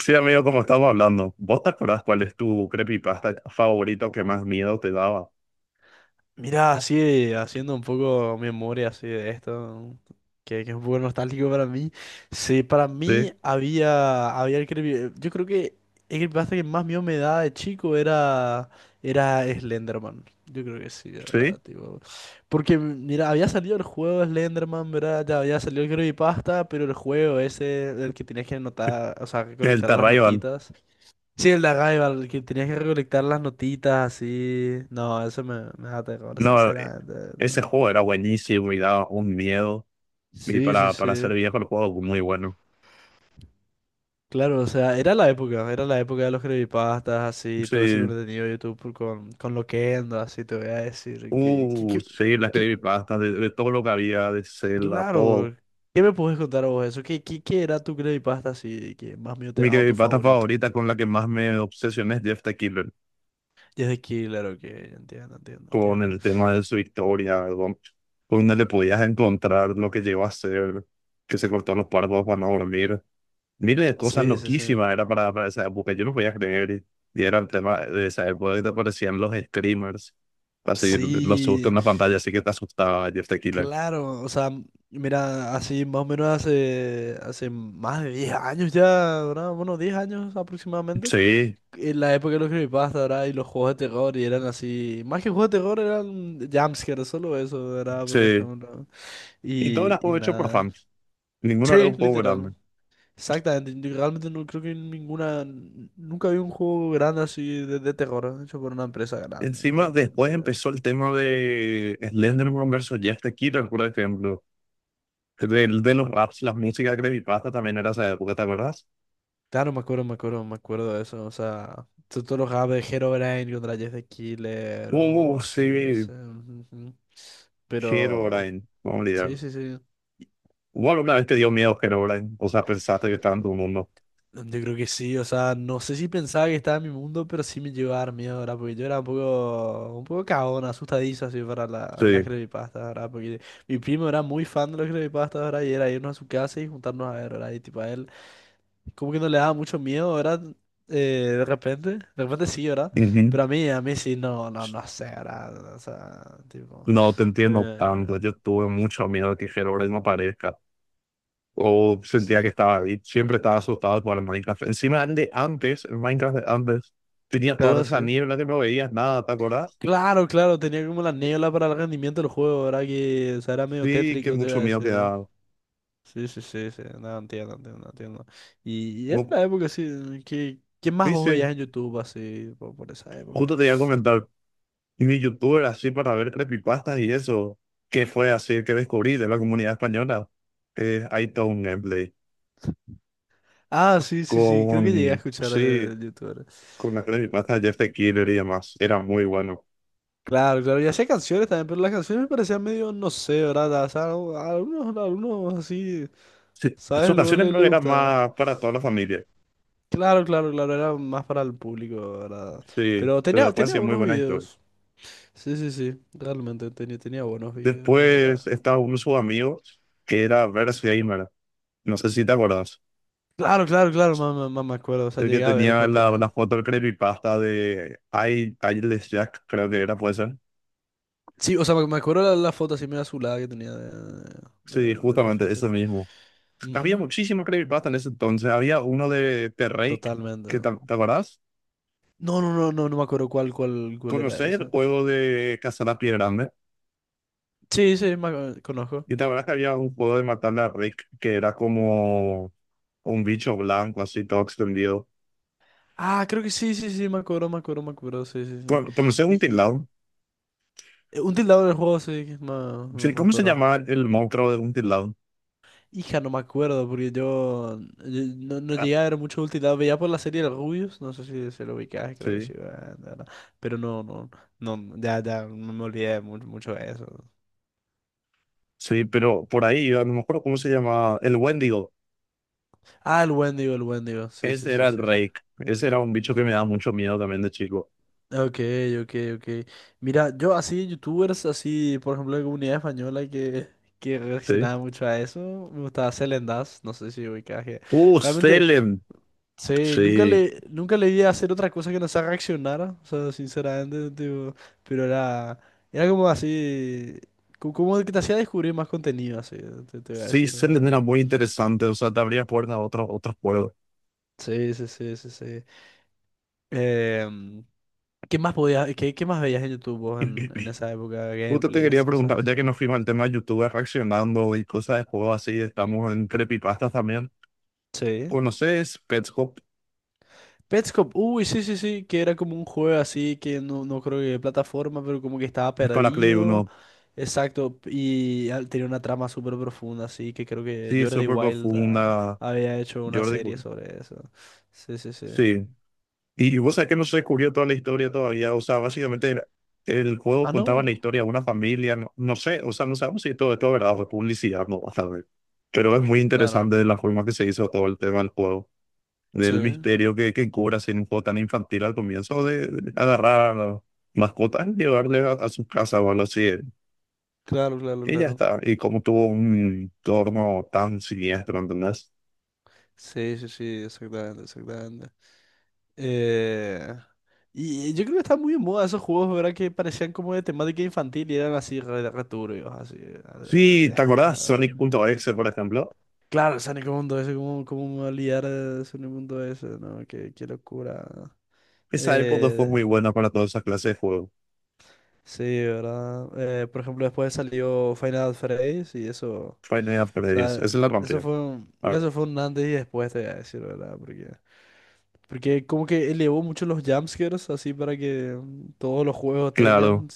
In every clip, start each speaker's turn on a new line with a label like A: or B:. A: Sí, amigo, como estamos hablando, ¿vos te acordás cuál es tu creepypasta favorito que más miedo te daba?
B: Mira, así haciendo un poco memoria así de esto, que es un poco nostálgico para mí. Sí, para
A: Sí,
B: mí había el yo creo que el creepypasta que más miedo me daba de chico era Slenderman. Yo creo que sí, era
A: sí,
B: tipo. Porque mira, había salido el juego de Slenderman, ¿verdad? Ya había salido el creepypasta, pero el juego ese, el que tenías que anotar, o sea, que
A: el
B: colectar las
A: Terrayon.
B: notitas. Sí, el de Arrival, que tenías que recolectar las notitas así. No, eso me da terror,
A: No,
B: sinceramente.
A: ese
B: No.
A: juego era buenísimo y daba un miedo. Y
B: Sí, sí,
A: para ser
B: sí.
A: viejo, el juego muy bueno.
B: Claro, o sea, era la época de los creepypastas, así,
A: Sí,
B: todo ese contenido de YouTube con Loquendo, así, te voy a decir.
A: sí, las
B: Que-
A: creepypastas, de todo lo que había, de Zelda, todo.
B: claro, ¿qué me puedes contar a vos de eso? Qué era tu creepypasta así, que más mío te ha
A: Mi
B: dado tu
A: creepypasta
B: favorito?
A: favorita con la que más me obsesioné es Jeff the Killer,
B: Y es de Killer. Ok, entiendo, entiendo,
A: con
B: entiendo.
A: el tema de su historia, ¿verdad? Donde le podías encontrar lo que llegó a ser, que se cortó los párpados para no dormir. Miles de cosas
B: Sí, sí, sí.
A: loquísimas era para esa época, yo no podía creer. Y era el tema de esa época que te aparecían los screamers, así los sustos
B: Sí.
A: en la pantalla, así que te asustaba Jeff the Killer.
B: Claro, o sea, mira, así más o menos hace más de 10 años ya, ¿verdad? Bueno, 10 años aproximadamente.
A: Sí,
B: En la época de los creepypasta, ¿verdad? Y los juegos de terror, y eran así, más que juegos de terror, eran jumpscares, solo eso, ¿verdad? Por
A: sí.
B: ejemplo.
A: Y todo
B: Y,
A: era
B: y
A: juego hecho por
B: nada.
A: fans. Ninguno era
B: Sí,
A: un juego grande.
B: literal. Exactamente, yo realmente no creo que ninguna, nunca vi un juego grande así de terror hecho por una empresa grande.
A: Encima,
B: Te
A: después
B: voy a decir.
A: empezó el tema de Slenderman versus Jeff the Killer, por ejemplo. De los raps, las músicas de Creepypasta también era esa época, ¿te acuerdas?
B: Claro, me acuerdo, me acuerdo, me acuerdo de eso. O sea, tú lo jugabas de Herobrine contra Jess the Killer o así.
A: Sí,
B: Ese, ujú, ujú. Pero,
A: Herobrine, no
B: sí,
A: olvidar.
B: sí, sí.
A: Hubo alguna vez te dio miedo Herobrine, o sea, pensaste que estaba en tu mundo.
B: Yo creo que sí, o sea, no sé si pensaba que estaba en mi mundo, pero sí me llegó a dar miedo, ¿verdad? Porque yo era un poco cagón, asustadizo así para las
A: Sí.
B: creepypastas, ¿verdad? Porque mi primo era muy fan de los creepypastas, ¿verdad? Y era irnos a su casa y juntarnos a ver, ¿verdad? Y tipo, a él como que no le daba mucho miedo, ¿verdad? Eh, de repente sí, ¿verdad?
A: Ujú.
B: Pero a mí sí, no, no, no sé, ¿verdad? O sea, tipo...
A: No te entiendo
B: eh,
A: tanto, yo tuve mucho miedo de que Herobrine no aparezca. O sentía que estaba ahí, siempre estaba asustado por el Minecraft. Encima de antes, el Minecraft de antes, tenía
B: Claro,
A: toda esa
B: sí.
A: niebla que no veías nada, ¿te acuerdas?
B: Claro, claro, tenía como la niebla para el rendimiento del juego, ¿verdad? Que, o sea, era medio
A: Sí, que
B: tétrico, te iba
A: mucho
B: a
A: miedo que
B: decir, ¿no?
A: daba.
B: Sí, sí, sí, sí, no, entiendo, entiendo, entiendo. Y era
A: Como-
B: la época, sí, ¿qué más
A: Sí,
B: vos
A: sí,
B: veías en YouTube así, por esa época?
A: justo te iba a comentar. Y de youtuber así para ver creepypastas y eso. ¿Qué fue así que descubrí de la comunidad española? Hay todo un gameplay
B: Ah, sí, sí, sí, creo que llegué a
A: con,
B: escuchar
A: sí,
B: de, YouTube.
A: con las creepypastas de Jeff the Killer y demás. Era muy bueno.
B: Claro, claro, y hacía canciones también, pero las canciones me parecían medio, no sé, ¿verdad? O sea, algunos así,
A: Sí, en sus
B: ¿sabes? Luego
A: canciones creo que
B: le
A: eran
B: gustaba.
A: más para toda la familia.
B: Claro, claro, claro, era más para el público, ¿verdad?
A: Sí,
B: Pero
A: pero
B: tenía,
A: puede
B: tenía
A: ser muy
B: buenos
A: buena historia.
B: videos. Sí, sí, sí, realmente tenía, tenía buenos videos, ¿verdad?
A: Después estaba uno de sus amigos que era Verse Gamer. No sé si te acuerdas.
B: Claro, claro, claro, más me acuerdo, o sea,
A: El que
B: llegué a ver el
A: tenía la,
B: contenido.
A: la foto del creepypasta de I, Jack, creo que era, puede ser.
B: Sí, o sea, me acuerdo la foto así medio azulada que tenía
A: Sí,
B: de, de
A: justamente
B: perfil. Sí.
A: ese mismo. Había
B: Ujú.
A: muchísimos creepypasta en ese entonces. Había uno de Terrake, que
B: Totalmente.
A: te, ¿te acordás?
B: No, no, no, no, no me acuerdo cuál era
A: Conocés el
B: esa.
A: juego de cazar a pie grande.
B: Sí, sí, conozco.
A: Y te acordás que había un juego de matarle a Rick, que era como un bicho blanco, así todo extendido.
B: Ah, creo que sí, sí, sí, me acuerdo, me acuerdo, me acuerdo, sí, sí, sí.
A: Conocés un
B: Y
A: tilao.
B: un tildado del juego, sí, que
A: Sí,
B: me
A: ¿cómo se
B: acuerdo.
A: llamaba el monstruo de un tilao?
B: Hija, no me acuerdo, porque yo no, no
A: Ah,
B: llegué a ver mucho un tildado. Veía por la serie de Rubius, no sé si se lo ubicás, creo que
A: sí,
B: sí, ah, no, no. Pero no, no, no, ya, ya, no me olvidé mucho, mucho de eso.
A: sí, pero por ahí, a lo mejor, ¿cómo se llamaba? El Wendigo.
B: Ah, el Wendigo, sí, sí,
A: Ese era
B: sí,
A: el
B: sí, sí.
A: Rake. Ese era un bicho que me daba mucho miedo también de chico.
B: Ok, ok, ok. Mira, yo así, youtubers, así, por ejemplo, de comunidad española que
A: Sí.
B: reaccionaba mucho a eso, me gustaba Selen Das, no sé si ubicás que... Realmente,
A: Salem.
B: sí, nunca
A: Sí,
B: le, nunca le vi hacer otra cosa que no sea reaccionar, o sea, sinceramente, tipo, pero era, era como así, como que te hacía descubrir más contenido, así, te voy a
A: sí,
B: decir.
A: se le era
B: ¿No?
A: muy interesante, o sea, te abría puertas a otros, otros juegos.
B: Sí, sí, sí, sí, sí. Em, ¿Qué más podías, qué más veías en YouTube vos en esa época?
A: Justo te
B: Gameplays,
A: quería preguntar,
B: cosas.
A: ya que nos fuimos al tema de YouTube reaccionando y cosas de juego así, estamos en creepypastas también.
B: Sí.
A: ¿Conoces Pets Hop
B: Petscop, uy, sí, sí, sí, que era como un juego así que no, no creo que de plataforma, pero como que estaba
A: para Play
B: perdido.
A: uno?
B: Exacto, y tenía una trama súper profunda, así que creo que
A: Sí,
B: Jordi
A: súper
B: Wild ah,
A: profunda,
B: había hecho una
A: Jordi.
B: serie
A: Cool.
B: sobre eso. Sí, sí, sí.
A: Sí, y vos sabés que no se descubrió toda la historia todavía, o sea, básicamente era, el juego
B: Ah,
A: contaba
B: no,
A: la historia de una familia, no, no sé, o sea, no sabemos si todo esto es verdad o es publicidad, no vas a ver. Pero es muy
B: claro.
A: interesante la forma que se hizo todo el tema del juego.
B: Sí,
A: Del misterio que cobra ser un juego tan infantil al comienzo de agarrar a las mascotas y llevarle a su casa o algo así.
B: claro, claro,
A: Y ya
B: claro.
A: está. Y como tuvo un entorno tan siniestro, ¿entendés?
B: Sí, sí, sí, exactamente, exactamente. Eh, y yo creo que están muy en moda esos juegos, ¿verdad? Que parecían como de temática infantil y eran así re, re turbios, así.
A: Sí, ¿te
B: Después,
A: acordás?
B: ¿verdad?
A: Sonic.exe, por ejemplo.
B: Claro, el Sonic Mundo ese, cómo, cómo me voy a liar de Sonic Mundo ese, ¿no? Qué, qué locura.
A: Esa época fue
B: Eh,
A: muy buena para todas esas clases de juegos.
B: sí, ¿verdad? Por ejemplo, después salió Final Fantasy y eso, o
A: Final Freddy's, esa
B: sea,
A: es la rompió. Ah,
B: eso fue un antes y después, te voy a decir, ¿verdad? Porque como que elevó mucho los jumpscares, así para que todos los juegos
A: claro.
B: tengan.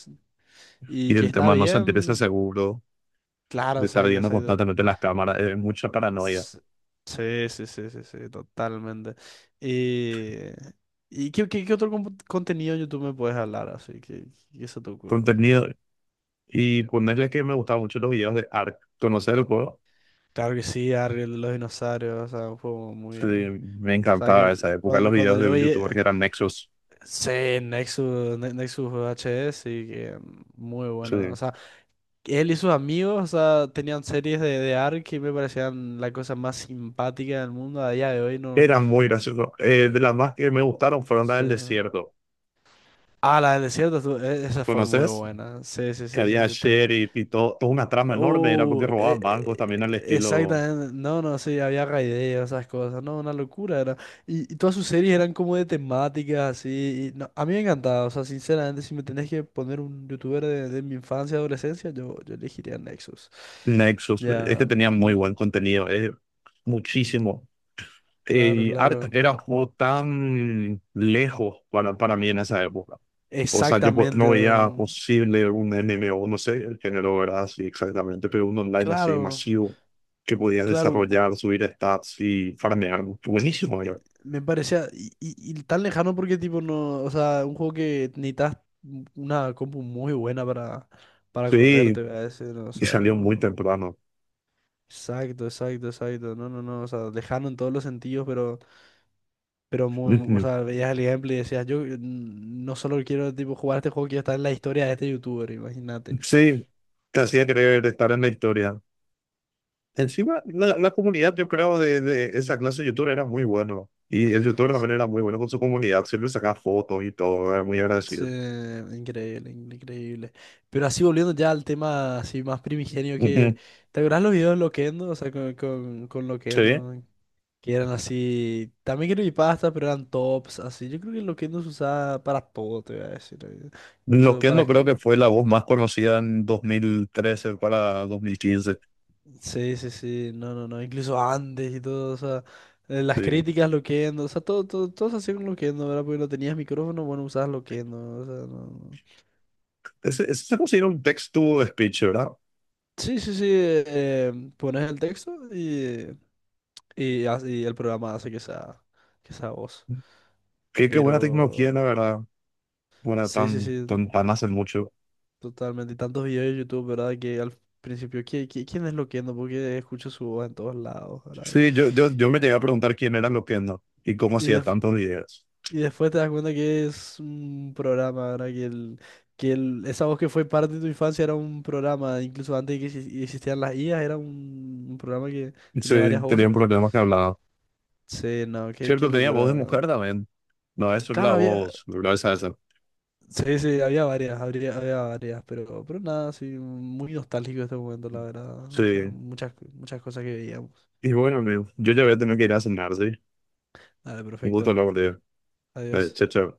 B: Y
A: Y
B: que
A: el
B: está
A: tema no se interesa
B: bien,
A: seguro,
B: claro,
A: de estar
B: exacto,
A: viendo
B: exacto.
A: constantemente las cámaras, es mucha paranoia.
B: S- Sí, sí, sí, sí, sí, totalmente. Y, ¿Y qué otro contenido en YouTube me puedes hablar? Así que, ¿qué se te ocurre?
A: Contenido. Y ponerle que me gustaban mucho los videos de Ark. ¿Conocer el juego?
B: Claro que sí, Ariel de los dinosaurios, o sea, un juego muy...
A: Sí, me
B: O sea,
A: encantaba
B: que
A: esa época, los
B: cuando
A: videos de
B: yo vi...
A: YouTube que eran Nexus.
B: Sí, Nexus, Nexus H S y que muy bueno. O
A: Sí,
B: sea, él y sus amigos, o sea, tenían series de ARK que me parecían la cosa más simpática del mundo. A día de hoy no...
A: eran muy graciosos. De las más que me gustaron fueron las
B: Sí.
A: del desierto.
B: Ah, la del desierto, esa fue muy
A: ¿Conoces?
B: buena. Sí, sí,
A: Que
B: sí, sí,
A: había
B: sí.
A: sheriff y todo, toda una trama enorme, era
B: Uh,
A: porque
B: e-
A: robaban bancos
B: e-
A: también al estilo
B: exactamente. No, no, sí, había raideos, esas cosas. No, una locura era. Y todas sus series eran como de temáticas, así. Y no, a mí me encantaba, o sea, sinceramente, si me tenés que poner un youtuber de mi infancia, adolescencia, yo elegiría Nexus.
A: Nexus.
B: Ya.
A: Este tenía muy
B: Ujú.
A: buen contenido, muchísimo. Eh,
B: Claro,
A: y Art
B: claro.
A: era un juego tan lejos para mí en esa época. O sea,
B: Exactamente.
A: no veía posible un MMO, no sé el género, ¿verdad? Sí, exactamente, pero un online así
B: Claro,
A: masivo que podías
B: claro.
A: desarrollar, subir stats y farmear. Buenísimo, era.
B: Me parecía y tan lejano porque tipo no, o sea, un juego que necesitas una compu muy buena para correrte,
A: Sí,
B: a ese, no o
A: y
B: sea,
A: salió
B: no,
A: muy
B: no.
A: temprano.
B: Exacto, exacto, exacto. No, no, no, o sea, lejano en todos los sentidos, pero o
A: Ujú.
B: sea, veías el ejemplo y decías, yo no solo quiero tipo jugar este juego, quiero estar en la historia de este youtuber, imagínate.
A: Sí, te hacía querer estar en la historia. Encima, la comunidad, yo creo, de esa clase de youtuber era muy bueno. Y el youtuber
B: S-
A: también era muy bueno con su comunidad, siempre sacaba fotos y todo, era muy agradecido.
B: Increíble, increíble. Pero así volviendo ya al tema así más primigenio que
A: Ujú.
B: ¿te acuerdas los videos de Loquendo? O sea, con
A: Sí.
B: Loquendo. Que eran así, también creepypasta, pero eran tops, así. Yo creo que lo que nos usaba para todo, te voy a decir. Incluso
A: Loquendo
B: para
A: creo
B: que...
A: que fue la voz más conocida en 2013 para 2015.
B: Sí, sí, sí, no, no, no, incluso antes y todo, o sea, las
A: Sí.
B: críticas Loquendo, o sea, todo, todo, todo se hacía con Loquendo, ¿verdad? Porque no tenías micrófono, bueno, usabas Loquendo, o sea, no. No.
A: Ese se considera un text-to-speech, ¿verdad?
B: Sí, sí, sí, pones el texto y, y el programa hace que sea voz.
A: Qué, qué
B: Pero,
A: buena tecnología, la verdad. Bueno,
B: sí, sí,
A: tan,
B: sí.
A: tan, tan hace mucho.
B: Totalmente, y tantos videos de YouTube, ¿verdad? Que al principio, quién es Loquendo? Porque escucho su voz en todos lados, ¿verdad?
A: Sí, yo me llegué a preguntar quién era Loquendo y cómo
B: Y,
A: hacía tantos videos.
B: y después te das cuenta que es un programa, ¿verdad? Que, que el, esa voz que fue parte de tu infancia era un programa, incluso antes de que existieran las IAs, era un programa que tenía
A: Sí,
B: varias
A: tenía un
B: voces.
A: problema que hablaba.
B: Sí, no, qué, qué
A: Cierto, tenía voz de mujer
B: locura.
A: también. No, eso es la
B: Claro, había,
A: voz, ¿verdad? Esa, esa.
B: sí, sí, había varias, había, varias, pero nada, sí, muy nostálgico este momento, la verdad. O sea,
A: Sí.
B: muchas, muchas cosas que veíamos.
A: Y bueno, amigo, yo ya voy a tener que ir a cenar, ¿sí?
B: Dale,
A: Un gusto
B: perfecto.
A: hablar contigo.
B: Adiós.
A: Chao, chao.